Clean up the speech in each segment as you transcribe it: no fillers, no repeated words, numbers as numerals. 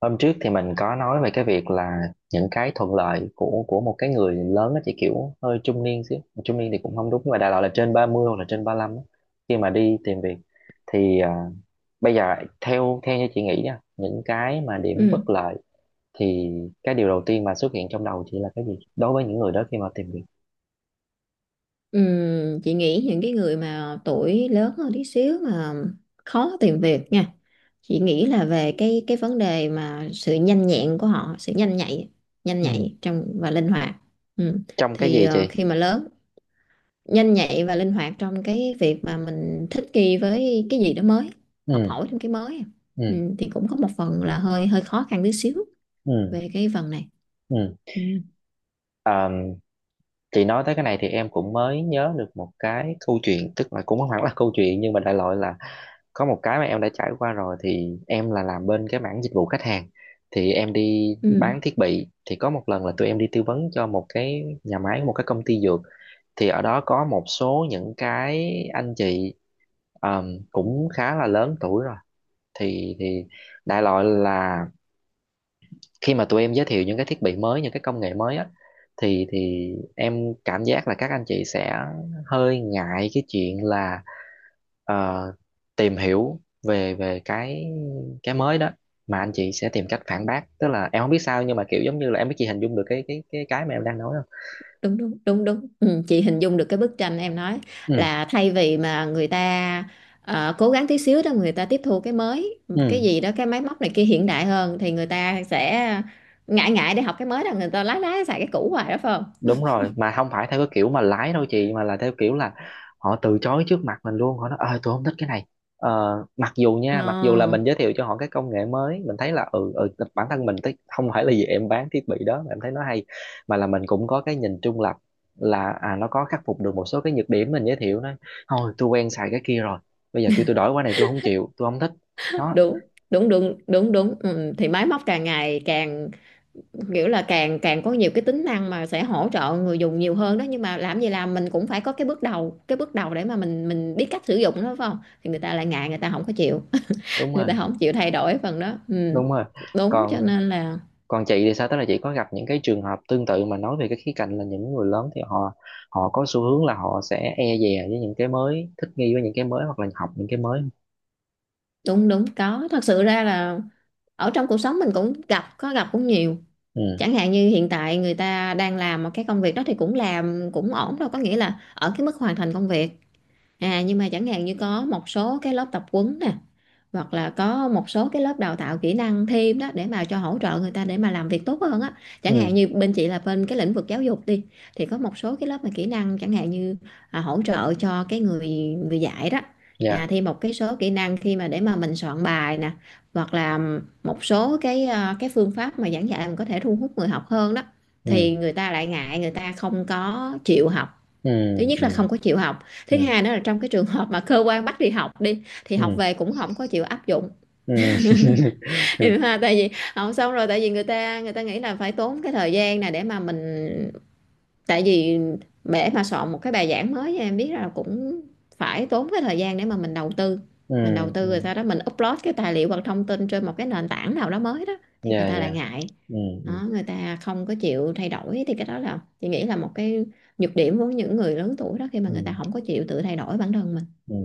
Hôm trước thì mình có nói về cái việc là những cái thuận lợi của một cái người lớn, nó chỉ kiểu hơi trung niên xíu. Trung niên thì cũng không đúng, nhưng mà đại loại là trên 30 hoặc là trên 35 á, khi mà đi tìm việc thì bây giờ theo theo như chị nghĩ nha, những cái mà điểm Ừ. bất lợi thì cái điều đầu tiên mà xuất hiện trong đầu chị là cái gì đối với những người đó khi mà tìm việc? Ừ. Chị nghĩ những cái người mà tuổi lớn hơn tí xíu mà khó tìm việc nha, chị nghĩ là về cái vấn đề mà sự nhanh nhẹn của họ, sự nhanh nhạy, nhanh Ừ. nhạy trong và linh hoạt. Ừ. Trong cái Thì gì chị? khi mà lớn, nhanh nhạy và linh hoạt trong cái việc mà mình thích nghi với cái gì đó mới, học Ừ, hỏi thêm cái mới. ừ, Ừ, thì cũng có một phần là hơi hơi khó khăn tí xíu ừ, về cái phần này. ừ. Ừ. Chị nói tới cái này thì em cũng mới nhớ được một cái câu chuyện, tức là cũng không hẳn là câu chuyện nhưng mà đại loại là có một cái mà em đã trải qua rồi. Thì em là làm bên cái mảng dịch vụ khách hàng, thì em đi Ừ. bán thiết bị, thì có một lần là tụi em đi tư vấn cho một cái nhà máy, một cái công ty dược. Thì ở đó có một số những cái anh chị cũng khá là lớn tuổi rồi. Thì đại loại là khi mà tụi em giới thiệu những cái thiết bị mới, những cái công nghệ mới á, thì em cảm giác là các anh chị sẽ hơi ngại cái chuyện là ờ, tìm hiểu về về cái mới đó. Mà anh chị sẽ tìm cách phản bác, tức là em không biết sao nhưng mà kiểu giống như là, em biết, chị hình dung được cái mà em đang nói không? đúng đúng đúng đúng ừ, chị hình dung được cái bức tranh em nói, Ừ, là thay vì mà người ta cố gắng tí xíu đó, người ta tiếp thu cái mới, cái ừ. gì đó, cái máy móc này kia hiện đại hơn, thì người ta sẽ ngại, ngại để học cái mới đó, người ta lái lái xài cái cũ hoài đó, phải không? Đúng rồi, mà không phải theo cái kiểu mà lái đâu chị, mà là theo kiểu là họ từ chối trước mặt mình luôn. Họ nói ơi tôi không thích cái này, mặc dù Ờ, nha, mặc dù là mình giới thiệu cho họ cái công nghệ mới mình thấy là ừ, ừ, bản thân mình thấy, không phải là vì em bán thiết bị đó mà em thấy nó hay, mà là mình cũng có cái nhìn trung lập là à, nó có khắc phục được một số cái nhược điểm. Mình giới thiệu nó, thôi tôi quen xài cái kia rồi, bây giờ kêu tôi đổi qua này tôi không chịu, tôi không thích. Đó, đúng đúng đúng đúng đúng ừ, thì máy móc càng ngày càng kiểu là càng càng có nhiều cái tính năng mà sẽ hỗ trợ người dùng nhiều hơn đó, nhưng mà làm gì làm mình cũng phải có cái bước đầu, cái bước đầu để mà mình biết cách sử dụng đó, phải không? Thì người ta lại ngại, người ta không có chịu, đúng người rồi, ta không chịu thay đổi phần đó. Ừ. đúng rồi. Đúng, cho còn nên là còn chị thì sao, tức là chị có gặp những cái trường hợp tương tự mà nói về cái khía cạnh là những người lớn thì họ, họ có xu hướng là họ sẽ e dè với những cái mới, thích nghi với những cái mới hoặc là học những cái mới không? đúng đúng có, thật sự ra là ở trong cuộc sống mình cũng gặp, có gặp cũng nhiều. Ừ, Chẳng hạn như hiện tại người ta đang làm một cái công việc đó thì cũng làm cũng ổn, đâu có nghĩa là ở cái mức hoàn thành công việc. À, nhưng mà chẳng hạn như có một số cái lớp tập huấn nè, hoặc là có một số cái lớp đào tạo kỹ năng thêm đó để mà cho hỗ trợ người ta để mà làm việc tốt hơn á. Chẳng ừ, hạn như bên chị là bên cái lĩnh vực giáo dục đi, thì có một số cái lớp mà kỹ năng, chẳng hạn như hỗ trợ cho cái người người dạy đó, dạ, thêm một cái số kỹ năng khi mà để mà mình soạn bài nè, hoặc là một số cái cái phương pháp mà giảng dạy mình có thể thu hút người học hơn đó. ừ, Thì người ta lại ngại, người ta không có chịu học. ừ, Thứ nhất ừ, là không có chịu học. ừ, Thứ hai nữa là trong cái trường hợp mà cơ quan bắt đi học, đi thì ừ, học về cũng không có chịu áp dụng. ừ, Tại vì học xong rồi, tại vì người ta nghĩ là phải tốn cái thời gian này để mà mình, tại vì để mà soạn một cái bài giảng mới, em biết là cũng phải tốn cái thời gian để mà mình đầu tư. ừ, Mình đầu tư rồi ừ, sau đó mình upload cái tài liệu hoặc thông tin trên một cái nền tảng nào đó mới đó, thì người dạ, ta lại dạ, ngại. ừ, ừ, Đó, người ta không có chịu thay đổi, thì cái đó là chị nghĩ là một cái nhược điểm của những người lớn tuổi đó, khi mà người ừ, ta không có chịu tự thay đổi bản thân mình. ừ.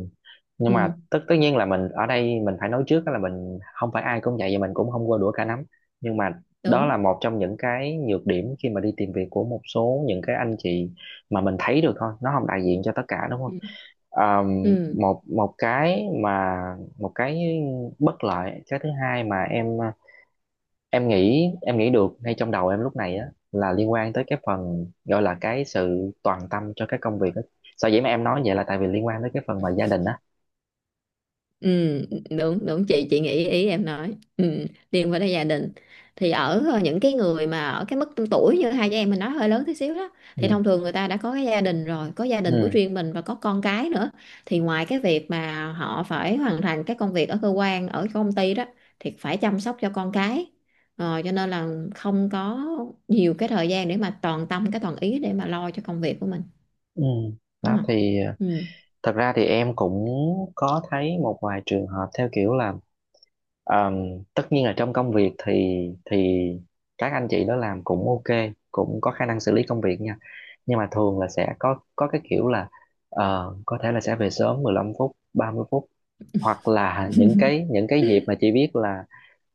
Nhưng Ừ, mà tất tất nhiên là mình ở đây mình phải nói trước đó là mình không phải ai cũng vậy, và mình cũng không qua đũa cả nắm, nhưng mà đó đúng. là một trong những cái nhược điểm khi mà đi tìm việc của một số những cái anh chị mà mình thấy được thôi, nó không đại diện cho tất cả, đúng Ừ. không? Ừ. Một một cái mà một cái bất lợi cái thứ hai mà em nghĩ được ngay trong đầu em lúc này á, là liên quan tới cái phần gọi là cái sự toàn tâm cho cái công việc á. Sở dĩ mà em nói vậy là tại vì liên quan tới cái phần mà gia đình á. Ừ, đúng đúng chị nghĩ ý em nói, ừ, liên quan tới gia đình, thì ở những cái người mà ở cái mức tuổi như hai chị em mình nói hơi lớn tí xíu đó, Ừ. thì thông thường người ta đã có cái gia đình rồi, có gia đình của Ừ. riêng mình và có con cái nữa. Thì ngoài cái việc mà họ phải hoàn thành cái công việc ở cơ quan, ở công ty đó, thì phải chăm sóc cho con cái. Ờ, cho nên là không có nhiều cái thời gian để mà toàn tâm cái toàn ý để mà lo cho công việc của mình, Ừ. đúng Đó không? thì Ừ. thật ra thì em cũng có thấy một vài trường hợp theo kiểu là Ờm, tất nhiên là trong công việc thì các anh chị đó làm cũng ok, cũng có khả năng xử lý công việc nha, nhưng mà thường là sẽ có cái kiểu là có thể là sẽ về sớm 15 phút, 30 phút, hoặc là những cái dịp mà chị biết là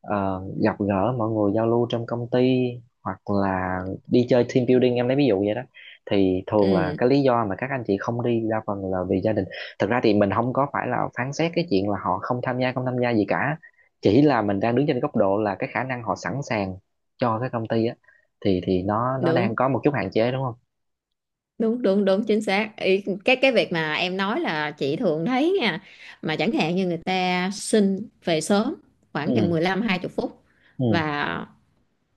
gặp gỡ mọi người, giao lưu trong công ty, hoặc là đi chơi team building, em lấy ví dụ vậy đó, thì thường là Ừ, cái lý do mà các anh chị không đi đa phần là vì gia đình. Thực ra thì mình không có phải là phán xét cái chuyện là họ không tham gia, không tham gia gì cả, chỉ là mình đang đứng trên góc độ là cái khả năng họ sẵn sàng cho cái công ty á, thì nó đang đúng có một chút hạn chế, đúng không? đúng đúng đúng chính xác. Ý, cái việc mà em nói là chị thường thấy nha, mà chẳng hạn như người ta xin về sớm khoảng chừng Ừ, mười lăm, hai 20 phút, ừ, và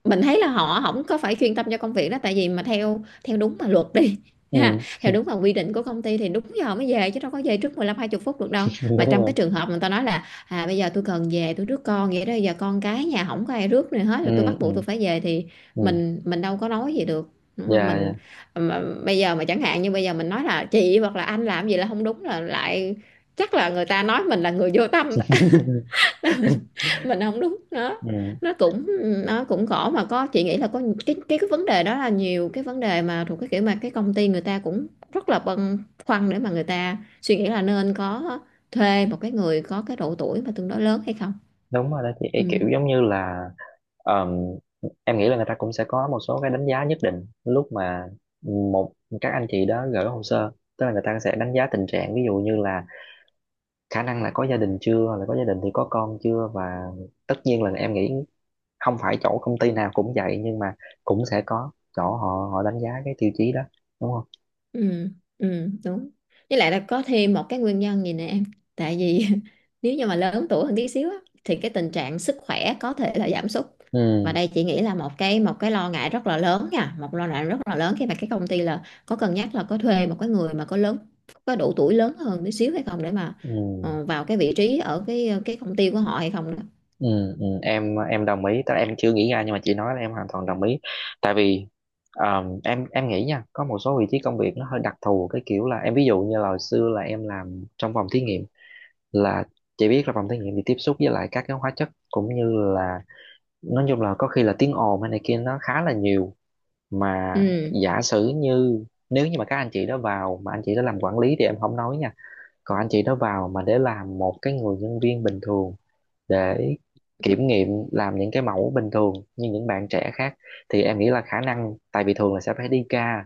mình thấy là họ không có phải chuyên tâm cho công việc đó. Tại vì mà theo theo đúng mà luật đi, ừ, ha, theo đúng mà quy định của công ty thì đúng giờ mới về chứ đâu có về trước mười lăm, hai 20 phút được đâu. đúng Mà trong rồi, cái trường hợp người ta nói là à bây giờ tôi cần về, tôi rước con, vậy đó giờ con cái nhà không có ai rước này hết ừ, rồi, tôi bắt buộc ừ, tôi phải về, thì ừ, mình đâu có nói gì được, đúng không? dạ, Mình dạ, mà, bây giờ mà chẳng hạn như bây giờ mình nói là chị hoặc là anh làm gì là không đúng là lại, chắc là người ta nói mình là người vô tâm. Mình không đúng. nó ừ, nó cũng, nó cũng khổ, mà có, chị nghĩ là có cái vấn đề đó, là nhiều cái vấn đề mà thuộc cái kiểu mà cái công ty người ta cũng rất là băn khoăn để mà người ta suy nghĩ là nên có thuê một cái người có cái độ tuổi mà tương đối lớn hay không. đúng rồi đó chị. Ý Ừ. kiểu giống như là ờm, em nghĩ là người ta cũng sẽ có một số cái đánh giá nhất định lúc mà một các anh chị đó gửi hồ sơ, tức là người ta sẽ đánh giá tình trạng, ví dụ như là khả năng là có gia đình chưa, là có gia đình thì có con chưa. Và tất nhiên là em nghĩ không phải chỗ công ty nào cũng vậy, nhưng mà cũng sẽ có chỗ họ họ đánh giá cái tiêu chí đó, đúng không? Ừ. Ừ. Đúng. Với lại là có thêm một cái nguyên nhân gì nè em, tại vì nếu như mà lớn tuổi hơn tí xíu á, thì cái tình trạng sức khỏe có thể là giảm sút. Và Ừ, đây chị nghĩ là một cái lo ngại rất là lớn nha, một lo ngại rất là lớn khi mà cái công ty là có cân nhắc là có thuê một cái người mà có lớn, có độ tuổi lớn hơn tí xíu hay không, để mà ừ, vào cái vị trí ở cái công ty của họ hay không đó. ừ, ừ. Em đồng ý, tức là em chưa nghĩ ra nhưng mà chị nói là em hoàn toàn đồng ý. Tại vì em nghĩ nha, có một số vị trí công việc nó hơi đặc thù, cái kiểu là em ví dụ như là hồi xưa là em làm trong phòng thí nghiệm, là chị biết là phòng thí nghiệm thì tiếp xúc với lại các cái hóa chất cũng như là, nói chung là có khi là tiếng ồn hay này kia nó khá là nhiều. Mà Ừ. giả sử như nếu như mà các anh chị đó vào mà anh chị đó làm quản lý thì em không nói nha, còn anh chị đó vào mà để làm một cái người nhân viên bình thường, để kiểm nghiệm làm những cái mẫu bình thường như những bạn trẻ khác, thì em nghĩ là khả năng, tại vì thường là sẽ phải đi ca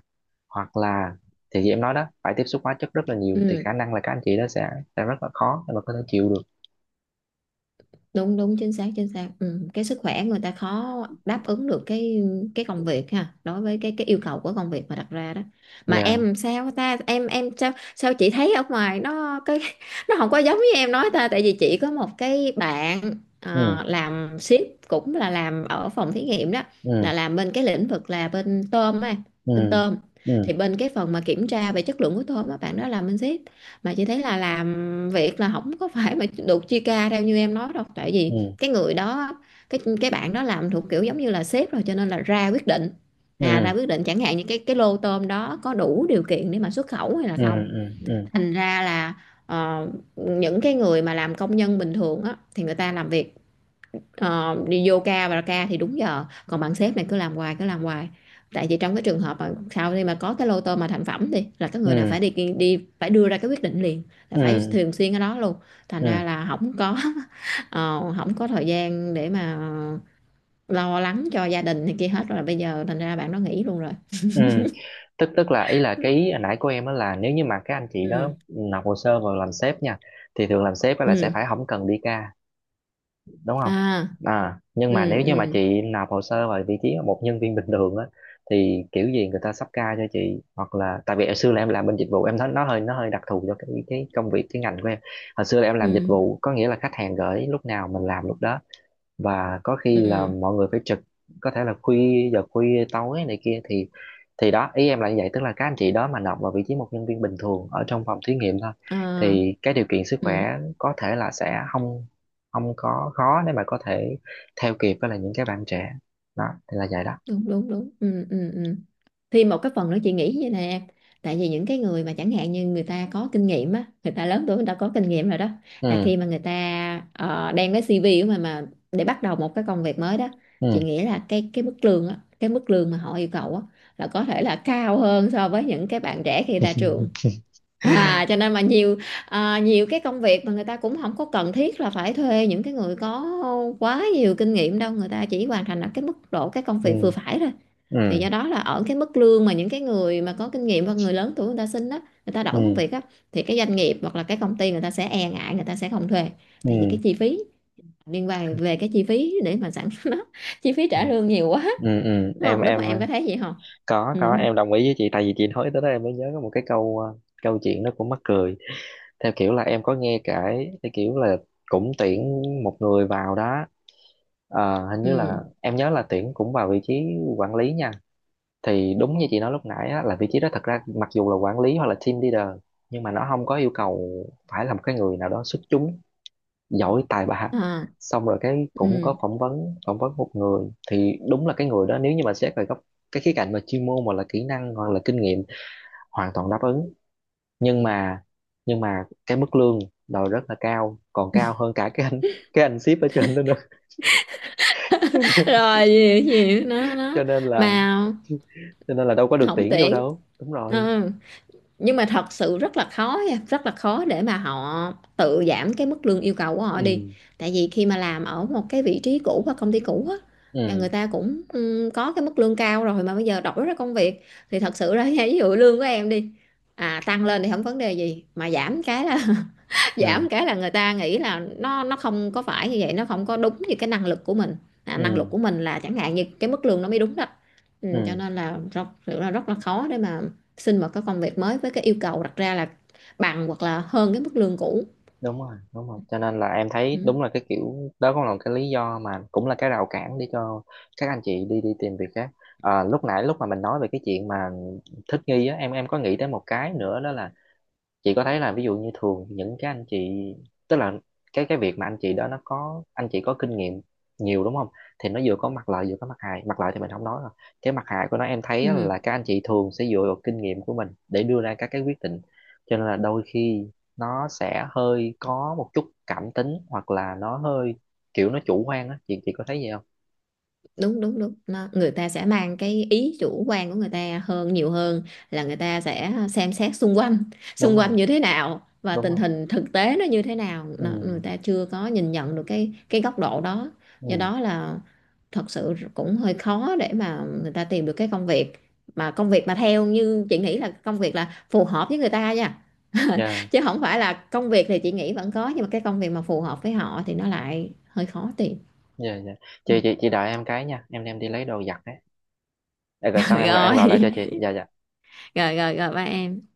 hoặc là, thì như em nói đó, phải tiếp xúc hóa chất rất là nhiều, thì Ừ. khả năng là các anh chị đó sẽ rất là khó để mà có thể chịu được. đúng đúng chính xác, chính xác. Ừ. Cái sức khỏe người ta khó đáp ứng được cái công việc ha, đối với cái yêu cầu của công việc mà đặt ra đó. Mà Dạ, em sao ta, em sao sao, chị thấy ở ngoài nó cái nó không có giống với em nói ta. Tại vì chị có một cái bạn, ừ làm ship cũng là làm ở phòng thí nghiệm đó, ừ, là làm bên cái lĩnh vực là bên tôm á, ừ, bên tôm. ừ, Thì bên cái phần mà kiểm tra về chất lượng của tôm á, bạn đó làm bên ship. Mà chị thấy là làm việc là không có phải mà được chia ca theo như em nói đâu, tại vì ừ, cái người đó, cái bạn đó làm thuộc kiểu giống như là sếp rồi cho nên là ra quyết định, à ừ, ra quyết định chẳng hạn như cái lô tôm đó có đủ điều kiện để mà xuất khẩu hay là ừ, không. ừ, ừ, Thành ra là ờ, những cái người mà làm công nhân bình thường á thì người ta làm việc, Ờ, đi vô ca và ra ca thì đúng giờ, còn bạn sếp này cứ làm hoài, tại vì trong cái trường hợp mà sau khi mà có cái lô tô mà thành phẩm thì là cái người này ừ, phải đi, đi phải đưa ra cái quyết định liền, là ừ, phải ừ, thường xuyên ở đó luôn. Thành ừ, ừ, ra ừ, là không có không có thời gian để mà lo lắng cho gia đình này kia hết rồi, bây giờ thành ra bạn nó nghỉ luôn rồi. ừ. tức tức là ý là cái ý nãy của em á, là nếu như mà các anh chị đó Ừ. nộp hồ sơ vào làm sếp nha, thì thường làm sếp á là sẽ Ừ. phải không cần đi ca, đúng không? À. À nhưng Ừ. mà nếu như Ừ. mà chị nộp hồ sơ vào vị trí một nhân viên bình thường á, thì kiểu gì người ta sắp ca cho chị. Hoặc là tại vì hồi xưa là em làm bên dịch vụ em thấy nó hơi, nó hơi đặc thù cho cái công việc, cái ngành của em. Hồi xưa là em làm dịch Ừ. vụ, có nghĩa là khách hàng gửi lúc nào mình làm lúc đó, và có khi là Ừ. mọi người phải trực, có thể là khuya, giờ khuya tối này kia, thì đó ý em là như vậy, tức là các anh chị đó mà nộp vào vị trí một nhân viên bình thường ở trong phòng thí nghiệm thôi, À. thì cái điều kiện sức Ừ. khỏe có thể là sẽ không không có khó để mà có thể theo kịp với là những cái bạn trẻ. Đó thì là vậy đó. đúng đúng đúng ừ. Ừ. Ừ. Thì một cái phần nữa chị nghĩ vậy nè em, tại vì những cái người mà chẳng hạn như người ta có kinh nghiệm á, người ta lớn tuổi, người ta có kinh nghiệm rồi đó, là Ừ, khi mà người ta đem cái CV của mình mà để bắt đầu một cái công việc mới đó, chị ừ, nghĩ là cái mức lương á, cái mức lương mà họ yêu cầu á, là có thể là cao hơn so với những cái bạn trẻ khi ra trường. À cho nên mà nhiều nhiều cái công việc mà người ta cũng không có cần thiết là phải thuê những cái người có quá nhiều kinh nghiệm đâu, người ta chỉ hoàn thành ở cái mức độ cái công ừ, việc vừa phải thôi. ừ, Thì do đó là ở cái mức lương mà những cái người mà có kinh nghiệm và người lớn tuổi người ta xin đó, người ta đổi công ừ, việc á, thì cái doanh nghiệp hoặc là cái công ty người ta sẽ e ngại, người ta sẽ không thuê. Tại vì cái ừ, chi phí, liên quan về cái chi phí để mà sản xuất nó, chi phí ừ, trả lương nhiều quá. ừ, ừ. Đúng em không? Đúng em không? Em có thấy gì không? có Ừ. có em đồng ý với chị. Tại vì chị nói tới đó em mới nhớ có một cái câu câu chuyện nó cũng mắc cười, theo kiểu là em có nghe kể, theo kiểu là cũng tuyển một người vào đó, hình như là Ừ. em nhớ là tuyển cũng vào vị trí quản lý nha. Thì đúng như chị nói lúc nãy á, là vị trí đó thật ra mặc dù là quản lý hoặc là team leader, nhưng mà nó không có yêu cầu phải là một cái người nào đó xuất chúng, giỏi tài ba. À, Xong rồi cái cũng ừ. có phỏng vấn, phỏng vấn một người, thì đúng là cái người đó nếu như mà xét về góc, cái khía cạnh mà chuyên môn hoặc là kỹ năng hoặc là kinh nghiệm, hoàn toàn đáp ứng, nhưng mà nhưng mà cái mức lương đòi rất là cao, còn cao hơn cả cái anh, cái anh ship ở trên đó nữa. Rồi gì gì nó cho nên, cho nên là mà, cho nên là đâu có được không tuyển vô tuyển. đâu. Đúng rồi, Ờ, nhưng mà thật sự rất là khó nha, rất là khó để mà họ tự giảm cái mức lương yêu cầu của họ đi. ừ, Tại vì khi mà làm ở một cái vị trí cũ hoặc công ty cũ á, là người ừ, ta cũng ừ, có cái mức lương cao rồi, mà bây giờ đổi ra công việc thì thật sự ra nha, ví dụ lương của em đi, à tăng lên thì không vấn đề gì, mà giảm cái là ừ, giảm cái là người ta nghĩ là nó không có phải như vậy, nó không có đúng như cái năng lực của mình. À, năng lực ừ, của mình là chẳng hạn như cái mức lương nó mới đúng đó. Ừ, cho ừ, nên là rất là khó để mà xin một cái công việc mới với cái yêu cầu đặt ra là bằng hoặc là hơn cái mức lương cũ. đúng rồi, đúng rồi. Cho nên là em thấy Ừ. đúng là cái kiểu đó cũng là một cái lý do, mà cũng là cái rào cản để cho các anh chị đi đi tìm việc khác. À, lúc nãy lúc mà mình nói về cái chuyện mà thích nghi á, em có nghĩ tới một cái nữa, đó là chị có thấy là ví dụ như thường những cái anh chị, tức là cái việc mà anh chị đó nó có, anh chị có kinh nghiệm nhiều, đúng không? Thì nó vừa có mặt lợi vừa có mặt hại, mặt lợi thì mình không nói rồi, cái mặt hại của nó em thấy á, Ừ. là các anh chị thường sẽ dựa vào kinh nghiệm của mình để đưa ra các cái quyết định. Cho nên là đôi khi nó sẽ hơi có một chút cảm tính hoặc là nó hơi kiểu nó chủ quan á, chị có thấy vậy không? đúng đúng đúng nó, người ta sẽ mang cái ý chủ quan của người ta hơn, nhiều hơn là người ta sẽ xem xét xung quanh, Đúng xung rồi, quanh như thế nào và đúng tình rồi, hình thực tế nó như thế nào. ừ, Nó, người ta chưa có nhìn nhận được cái góc độ đó. Do ừ, đó là thật sự cũng hơi khó để mà người ta tìm được cái công việc, mà công việc mà theo như chị nghĩ là công việc là phù hợp với người ta nha. dạ, Chứ không phải là công việc thì chị nghĩ vẫn có, nhưng mà cái công việc mà phù hợp với họ thì nó lại hơi khó tìm. dạ, dạ. Chị đợi em cái nha, em đi lấy đồ giặt đấy. Để rồi xong em gọi lại Rồi, cho chị. Dạ, dạ. rồi ba em.